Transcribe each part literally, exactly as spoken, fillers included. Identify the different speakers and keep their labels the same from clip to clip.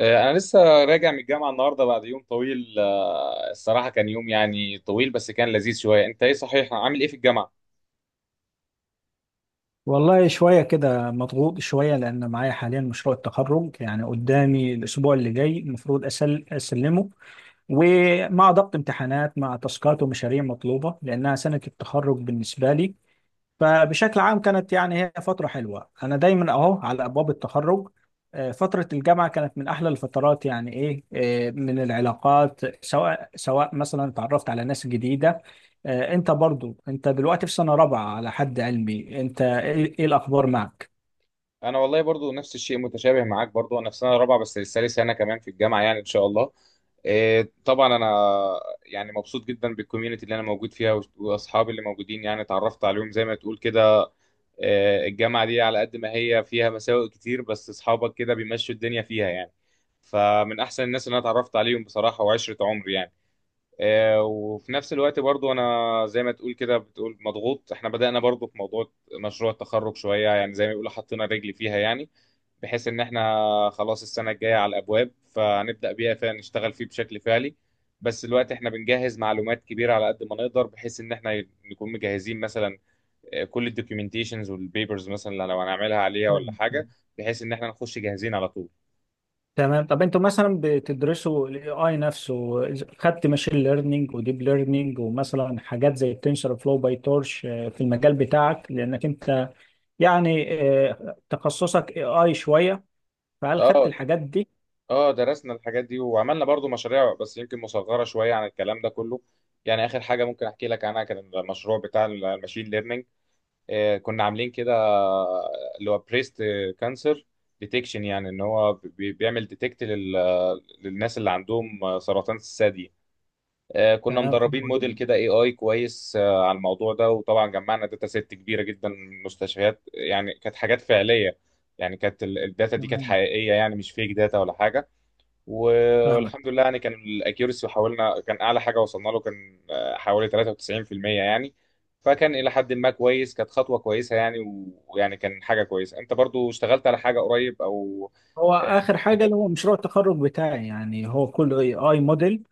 Speaker 1: آه، أنا لسه راجع من الجامعة النهاردة بعد يوم طويل. آه، الصراحة كان يوم يعني طويل بس كان لذيذ شوية. أنت إيه صحيح، عامل إيه في الجامعة؟
Speaker 2: والله شوية كده مضغوط شوية لأن معايا حاليا مشروع التخرج، يعني قدامي الأسبوع اللي جاي المفروض أسل أسلمه. ومع ضغط امتحانات مع تاسكات ومشاريع مطلوبة لأنها سنة التخرج بالنسبة لي. فبشكل عام كانت يعني هي فترة حلوة. أنا دايما أهو على أبواب التخرج. آه، فترة الجامعة كانت من أحلى الفترات يعني إيه. آه، من العلاقات، سواء سواء مثلا تعرفت على ناس جديدة. آه، أنت برضو أنت دلوقتي في سنة رابعة على حد علمي، أنت إيه إيه الأخبار معك؟
Speaker 1: أنا والله برضو نفس الشيء، متشابه معاك. برضو أنا في سنة رابعة بس لسه لي سنة كمان في الجامعة يعني إن شاء الله. آه، طبعا أنا يعني مبسوط جدا بالكوميونتي اللي أنا موجود فيها وأص- وأصحابي اللي موجودين يعني اتعرفت عليهم زي ما تقول كده. آه، الجامعة دي على قد ما هي فيها مساوئ كتير بس أصحابك كده بيمشوا الدنيا فيها يعني. فمن أحسن الناس اللي أنا اتعرفت عليهم بصراحة وعشرة عمري يعني. آه، وفي نفس الوقت برضو انا زي ما تقول كده بتقول مضغوط. احنا بدأنا برضو في موضوع مشروع التخرج شوية يعني زي ما بيقولوا حطينا رجلي فيها يعني. بحيث ان احنا خلاص السنة الجاية على الابواب فنبدأ بيها فنشتغل فيه بشكل فعلي. بس الوقت احنا بنجهز معلومات كبيرة على قد ما نقدر بحيث ان احنا نكون مجهزين مثلا آه، كل الدوكيومنتيشنز والبيبرز مثلا لو هنعملها عليها ولا
Speaker 2: تمام.
Speaker 1: حاجة. بحيث ان احنا نخش جاهزين على طول.
Speaker 2: تمام، طب أنتوا مثلا بتدرسوا ال إيه آي نفسه؟ خدت ماشين ليرنينج وديب ليرنينج ومثلا حاجات زي التنسر فلو باي تورش في المجال بتاعك؟ لأنك أنت يعني آه، تخصصك اي اي شويه، فهل خدت
Speaker 1: اه،
Speaker 2: الحاجات دي؟
Speaker 1: اه، درسنا الحاجات دي وعملنا برضو مشاريع بس يمكن مصغرة شوية عن الكلام ده كله. يعني آخر حاجة ممكن أحكي لك عنها كان المشروع بتاع الماشين ليرنينج. آه كنا عاملين كده، آه، اللي هو بريست كانسر ديتكشن يعني إن هو بي- بيعمل ديتكت للناس اللي عندهم آه، سرطان الثدي. آه كنا
Speaker 2: تمام،
Speaker 1: مدربين
Speaker 2: حلو
Speaker 1: موديل
Speaker 2: جدا.
Speaker 1: كده اي اي كويس آه على الموضوع ده، وطبعا جمعنا داتا سيت كبيرة جدا من مستشفيات يعني كانت حاجات فعلية. يعني كانت الداتا دي كانت
Speaker 2: تمام،
Speaker 1: حقيقية يعني مش فيك داتا ولا حاجة. و-
Speaker 2: فاهمك.
Speaker 1: والحمد لله يعني كان الاكيورسي حاولنا، كان اعلى حاجه وصلنا له كان آه، حوالي ثلاثة وتسعين في المية يعني. فكان الى حد ما كويس، كانت خطوه كويسه يعني. و- ويعني كان حاجه كويسه. انت برضو اشتغلت على حاجه قريب او
Speaker 2: هو
Speaker 1: آه،
Speaker 2: اخر
Speaker 1: في
Speaker 2: حاجه
Speaker 1: المجال.
Speaker 2: اللي هو مشروع التخرج بتاعي، يعني هو كله اي اي موديل.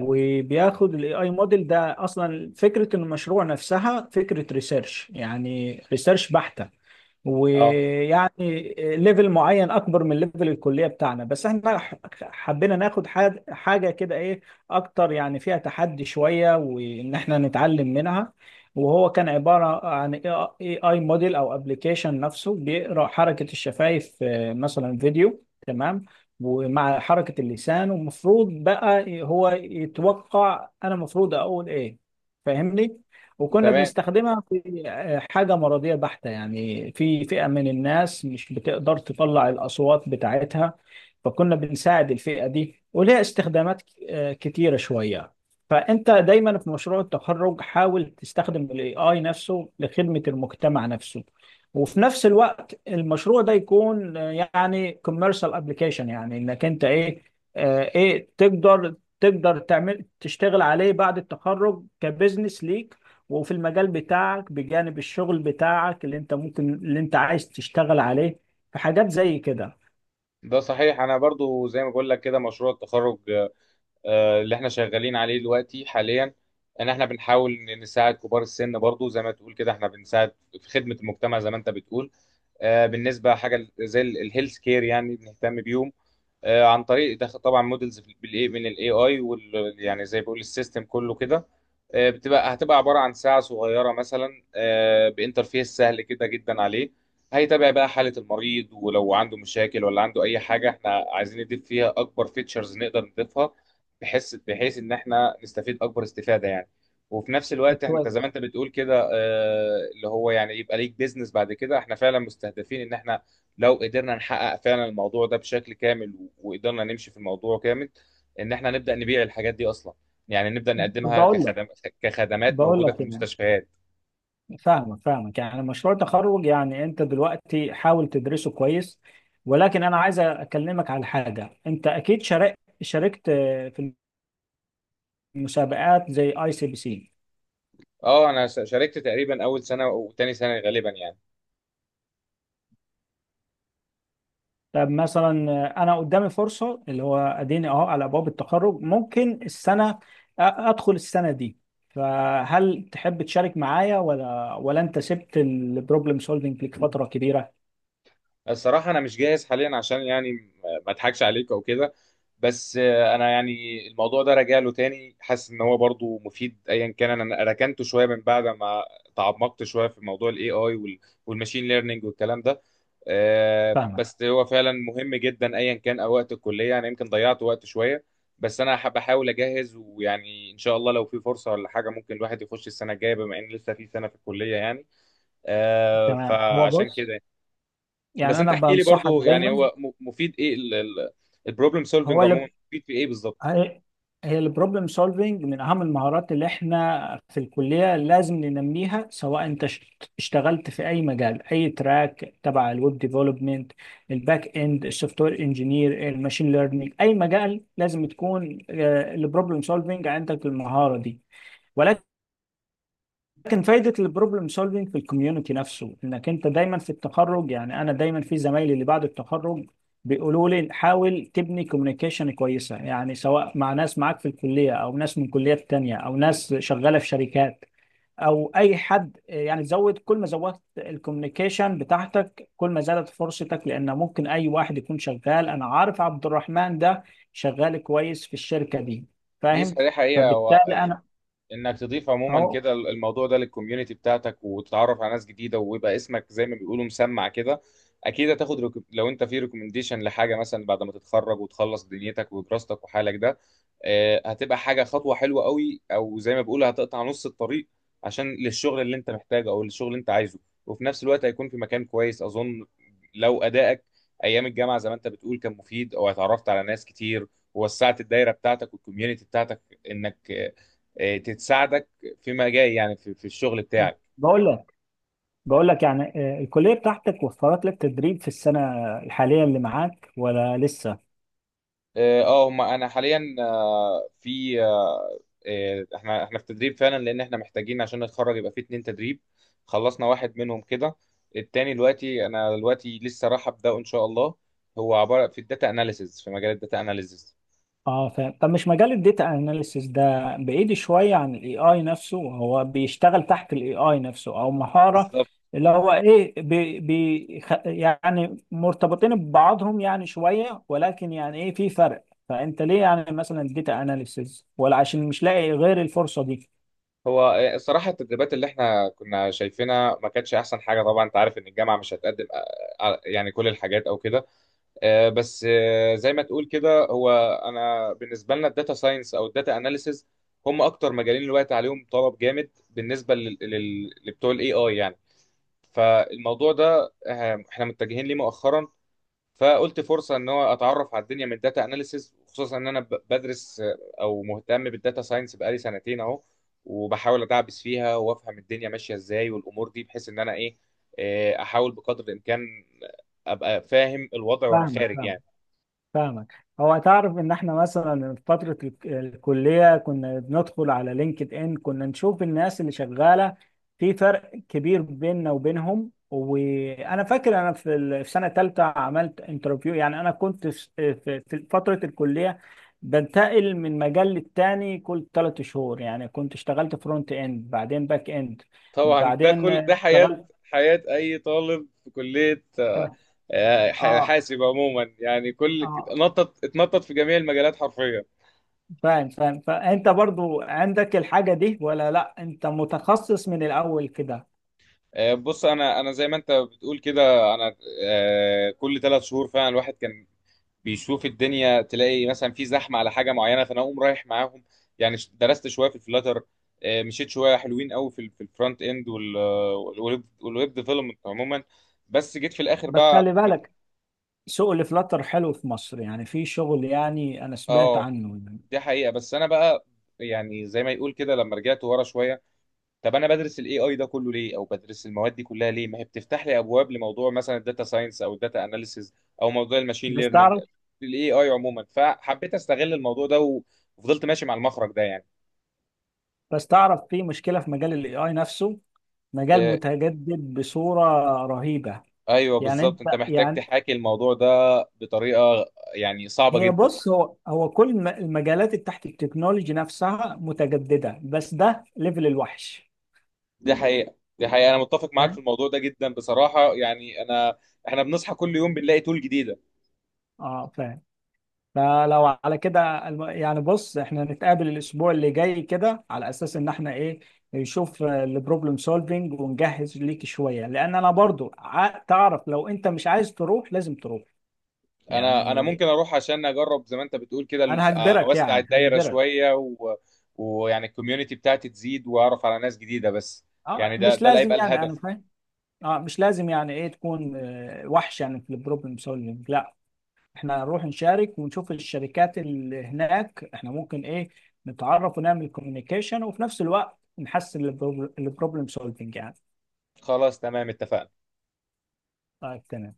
Speaker 2: وبياخد الاي اي موديل ده، اصلا فكره المشروع نفسها فكره ريسيرش، يعني ريسيرش بحته.
Speaker 1: اه،
Speaker 2: ويعني ليفل معين اكبر من ليفل الكليه بتاعنا، بس احنا ح- حبينا ناخد حاج- حاجه كده ايه اكتر، يعني فيها تحدي شويه وان احنا نتعلم منها. وهو كان عباره عن اي اي موديل او ابلكيشن نفسه بيقرا حركه الشفايف مثلا، فيديو، تمام؟ ومع حركة اللسان، ومفروض بقى هو يتوقع انا المفروض اقول ايه، فاهمني؟ وكنا
Speaker 1: تمام.
Speaker 2: بنستخدمها في آه، حاجة مرضية بحتة، يعني في فئة من الناس مش بتقدر تطلع الأصوات بتاعتها. فكنا بنساعد الفئة دي، ولها استخدامات آه، كتيرة شوية. فأنت دايما في مشروع التخرج حاول تستخدم ال A I نفسه لخدمة المجتمع نفسه، وفي نفس الوقت المشروع ده يكون آه، يعني كوميرشال ابلكيشن، يعني انك انت ايه، آه، ايه تقدر تقدر تعمل تشتغل عليه بعد التخرج كبزنس ليك. وفي المجال بتاعك بجانب الشغل بتاعك اللي انت ممكن اللي انت عايز تشتغل عليه في حاجات زي كده.
Speaker 1: ده صحيح. انا برضو زي ما بقول لك كده مشروع التخرج آه، اللي احنا شغالين عليه دلوقتي حاليا، ان احنا بنحاول نساعد كبار السن. برضو زي ما تقول كده احنا بنساعد في خدمه المجتمع زي ما انت بتقول. آه، بالنسبه حاجه زي الهيلث كير يعني بنهتم بيهم آه، عن طريق دخل طبعا مودلز بالاي من الاي اي وال يعني زي بقول السيستم كله كده. آه، بتبقى هتبقى عباره عن ساعه صغيره مثلا آه، بانترفيس سهل كده جدا عليه. هيتابع بقى حاله المريض، ولو عنده مشاكل ولا عنده اي حاجه احنا عايزين نضيف فيها اكبر فيتشرز نقدر نضيفها بحيث بحيث ان احنا نستفيد اكبر استفاده يعني. وفي نفس الوقت انت زي ما
Speaker 2: كويس.
Speaker 1: انت بتقول كده آه، اللي هو يعني يبقى ليك بيزنس بعد كده. احنا فعلا مستهدفين ان احنا لو قدرنا نحقق فعلا الموضوع ده بشكل كامل و- وقدرنا نمشي في الموضوع كامل ان احنا نبدا نبيع الحاجات دي اصلا، يعني نبدا
Speaker 2: طب
Speaker 1: نقدمها
Speaker 2: بقول لك،
Speaker 1: كخدم كخدمات
Speaker 2: بقول
Speaker 1: موجوده في
Speaker 2: لك يعني،
Speaker 1: المستشفيات.
Speaker 2: فاهمك فاهمك. يعني مشروع تخرج، يعني انت دلوقتي حاول تدرسه كويس، ولكن انا عايز اكلمك على حاجه. انت اكيد شارك شاركت في مسابقات زي اي سي بي سي.
Speaker 1: اه انا ش- شاركت تقريبا اول سنه وتاني سنه غالبا يعني.
Speaker 2: طب مثلا آه، انا قدامي فرصه اللي هو اديني اهو على ابواب التخرج، ممكن السنه أ- ادخل السنه دي، فهل تحب تشارك معايا؟ ولا ولا انت سبت البروبلم سولفنج لك فتره كبيره؟
Speaker 1: الصراحه انا مش جاهز حاليا عشان يعني م- ما اضحكش عليك او كده. بس آه، انا يعني الموضوع ده راجع له تاني، حاسس ان هو برضو مفيد. ايا كان انا ركنته شويه من بعد ما تعمقت شويه في موضوع الاي اي والماشين ليرنينج والكلام ده. آه،
Speaker 2: فاهمك.
Speaker 1: بس هو فعلا مهم جدا، ايا كان، او وقت الكليه انا يمكن ضيعت وقت شويه. بس انا حب- بحاول اجهز، ويعني ان شاء الله لو في فرصه ولا حاجه ممكن الواحد يخش السنه الجايه بما ان لسه في سنه في الكليه يعني. آه،
Speaker 2: تمام، هو
Speaker 1: فعشان
Speaker 2: بص،
Speaker 1: كده يعني.
Speaker 2: يعني
Speaker 1: بس
Speaker 2: انا
Speaker 1: انت احكي لي
Speaker 2: بنصحك
Speaker 1: برضو يعني
Speaker 2: دايما.
Speaker 1: هو م- مفيد ايه؟ البروبلم
Speaker 2: هو
Speaker 1: سولفنج عموما
Speaker 2: اللي
Speaker 1: مفيد في ايه بالظبط؟
Speaker 2: هي هي البروبلم سولفنج من اهم المهارات اللي احنا في الكليه لازم ننميها. سواء انت اشت- اشتغلت في اي مجال، اي تراك، تبع الويب ديفلوبمنت، الباك اند، السوفت وير انجينير، الماشين ليرنينج، اي مجال لازم تكون البروبلم سولفنج عندك، المهاره دي. لكن فايدة البروبلم سولفينج في الكوميونتي نفسه، انك انت دايما في التخرج، يعني انا دايما في زمايلي اللي بعد التخرج بيقولوا لي حاول تبني كوميونيكيشن كويسة، يعني سواء مع ناس معاك في الكلية او ناس من كليات تانية او ناس شغالة في شركات او اي حد، يعني زود. كل ما زودت الكوميونيكيشن بتاعتك كل ما زادت فرصتك، لان ممكن اي واحد يكون شغال، انا عارف عبد الرحمن ده شغال كويس في الشركة دي،
Speaker 1: دي
Speaker 2: فاهم؟
Speaker 1: صحيحه حقيقه،
Speaker 2: فبالتالي انا
Speaker 1: انك تضيف عموما
Speaker 2: اهو.
Speaker 1: كده الموضوع ده للكوميونتي بتاعتك وتتعرف على ناس جديده ويبقى اسمك زي ما بيقولوا مسمع كده. اكيد هتاخد ريكو... لو انت في ريكومنديشن لحاجه مثلا بعد ما تتخرج وتخلص دنيتك ودراستك وحالك ده آه، هتبقى حاجه، خطوه حلوه قوي او زي ما بيقولوا هتقطع نص الطريق عشان للشغل اللي انت محتاجه او للشغل اللي انت عايزه. وفي نفس الوقت هيكون في مكان كويس اظن لو ادائك ايام الجامعه زي ما انت بتقول كان مفيد او اتعرفت على ناس كتير ووسعت الدايره بتاعتك والكوميونتي بتاعتك انك آه، تساعدك فيما جاي يعني في, في الشغل بتاعك.
Speaker 2: بقول لك، بقول لك يعني، آه، الكلية بتاعتك وفرت لك تدريب في السنة الحالية اللي معاك ولا لسه؟
Speaker 1: اه، آه، هم انا حاليا آه، في آه، آه، احنا احنا في تدريب فعلا لان احنا محتاجين عشان نتخرج يبقى في اتنين تدريب. خلصنا واحد منهم كده. التاني دلوقتي انا دلوقتي لسه راح ابداه ان شاء الله. هو عباره في الداتا اناليسز في مجال الداتا اناليسز.
Speaker 2: اه فاهم. طب مش مجال الداتا اناليسيس ده بعيد شوية عن الاي اي نفسه؟ هو بيشتغل تحت الاي اي نفسه او مهارة
Speaker 1: بالظبط.
Speaker 2: اللي هو ايه، بي بي خ- يعني مرتبطين ببعضهم يعني شوية، ولكن يعني ايه في فرق. فانت ليه يعني مثلا الداتا اناليسيس؟ ولا عشان مش لاقي غير الفرصة دي؟
Speaker 1: هو آه، الصراحه التدريبات اللي احنا كنا شايفينها ما كانتش احسن حاجه. طبعا انت عارف ان الجامعه مش هتقدم آه، آه، يعني كل الحاجات او كده. آه، بس آه، زي ما تقول كده هو انا بالنسبه لنا الداتا ساينس او الداتا اناليسز هم اكتر مجالين دلوقتي عليهم طلب جامد بالنسبه لل- لل- لبتوع الاي اي يعني. فالموضوع ده آه، احنا متجهين ليه مؤخرا. فقلت فرصه ان هو اتعرف على الدنيا من الداتا اناليسز، خصوصا ان انا ب- بدرس آه، او مهتم بالداتا ساينس بقالي سنتين اهو. وبحاول ادعبس فيها وافهم الدنيا ماشيه ازاي والامور دي بحيث ان انا ايه آه، احاول بقدر الامكان ابقى فاهم الوضع وانا
Speaker 2: فاهمك
Speaker 1: خارج
Speaker 2: فاهمك
Speaker 1: يعني.
Speaker 2: فاهمك. هو تعرف ان احنا مثلا في فترة الك- الكلية كنا بندخل على لينكد ان، كنا نشوف الناس اللي شغالة، في فرق كبير بيننا وبينهم. وانا فاكر انا في ال- في سنة تالتة عملت انترفيو. يعني انا كنت في في- في فترة الكلية بنتقل من مجال للتاني كل ثلاث شهور، يعني كنت اشتغلت فرونت اند بعدين باك اند
Speaker 1: طبعا ده
Speaker 2: بعدين
Speaker 1: كل ده حياة،
Speaker 2: اشتغلت،
Speaker 1: حياة أي طالب في كلية آه، آه،
Speaker 2: اه.
Speaker 1: حاسب عموما يعني. كل
Speaker 2: اه
Speaker 1: اتنطط اتنطط في جميع المجالات حرفيا.
Speaker 2: فاهم فاهم. فانت برضو عندك الحاجة دي ولا لا انت متخصص من الاول كده؟
Speaker 1: آه، بص أنا أنا زي ما أنت بتقول كده، أنا آه، كل ثلاث شهور فعلا الواحد كان بيشوف الدنيا. تلاقي مثلا في زحمة على حاجة معينة فأنا أقوم رايح معاهم. يعني ش- درست شوية في الفلاتر، آه، مشيت شوية حلوين قوي في ال- في الفرونت إند والويب والويب ديفلوبمنت عموما. بس جيت في الآخر
Speaker 2: بس
Speaker 1: بقى.
Speaker 2: خلي بالك، شغل فلاتر حلو في مصر، يعني في شغل، يعني انا سمعت
Speaker 1: اه،
Speaker 2: عنه يعني.
Speaker 1: دي حقيقة. بس أنا بقى يعني زي ما يقول كده لما رجعت ورا شوية، طب أنا بدرس ال إيه آي ده كله ليه؟ أو بدرس المواد دي كلها ليه؟ ما هي بتفتح لي أبواب لموضوع مثلا الداتا ساينس أو الداتا أناليسيز أو موضوع الماشين
Speaker 2: بس
Speaker 1: ليرنينج
Speaker 2: تعرف،
Speaker 1: ال إيه آي عموما. فحبيت أستغل الموضوع ده و- وفضلت ماشي مع المخرج ده يعني.
Speaker 2: بس تعرف في مشكلة في مجال الاي اي نفسه، مجال
Speaker 1: آه،
Speaker 2: متجدد بصورة رهيبة.
Speaker 1: أيوه
Speaker 2: يعني انت
Speaker 1: بالظبط، أنت محتاج
Speaker 2: يعني،
Speaker 1: تحاكي الموضوع ده بطريقة يعني صعبة
Speaker 2: هي
Speaker 1: جدا.
Speaker 2: بص، هو هو كل الم- المجالات اللي تحت التكنولوجي نفسها متجددة، بس ده ليفل الوحش،
Speaker 1: دي حقيقة، دي حقيقة، أنا متفق معاك في
Speaker 2: فاهم؟
Speaker 1: الموضوع ده جدا بصراحة. يعني أنا، إحنا بنصحى كل يوم بنلاقي تول جديدة.
Speaker 2: اه فاهم. فلو على كده الم- يعني بص، احنا نتقابل الاسبوع اللي جاي كده على اساس ان احنا ايه، نشوف البروبلم سولفينج ونجهز ليك شوية. لان انا برضو ع- تعرف، لو انت مش عايز تروح لازم تروح
Speaker 1: انا انا
Speaker 2: يعني،
Speaker 1: ممكن اروح عشان اجرب زي ما انت بتقول كده،
Speaker 2: انا
Speaker 1: ال-
Speaker 2: هجبرك
Speaker 1: اوسع
Speaker 2: يعني
Speaker 1: الدايره
Speaker 2: هجبرك.
Speaker 1: شويه، و... ويعني الكوميونتي بتاعتي تزيد واعرف على ناس جديده. بس
Speaker 2: اه
Speaker 1: يعني ده
Speaker 2: مش
Speaker 1: ده اللي
Speaker 2: لازم
Speaker 1: هيبقى
Speaker 2: يعني، انا
Speaker 1: الهدف.
Speaker 2: فاهم. اه مش لازم يعني ايه تكون آه، وحش يعني في البروبلم سولفينج، لا. احنا هنروح نشارك ونشوف الشركات اللي هناك، احنا ممكن ايه نتعرف ونعمل كوميونيكيشن، وفي نفس الوقت نحسن البروبلم سولفنج يعني.
Speaker 1: خلاص، تمام، اتفقنا.
Speaker 2: طيب تمام.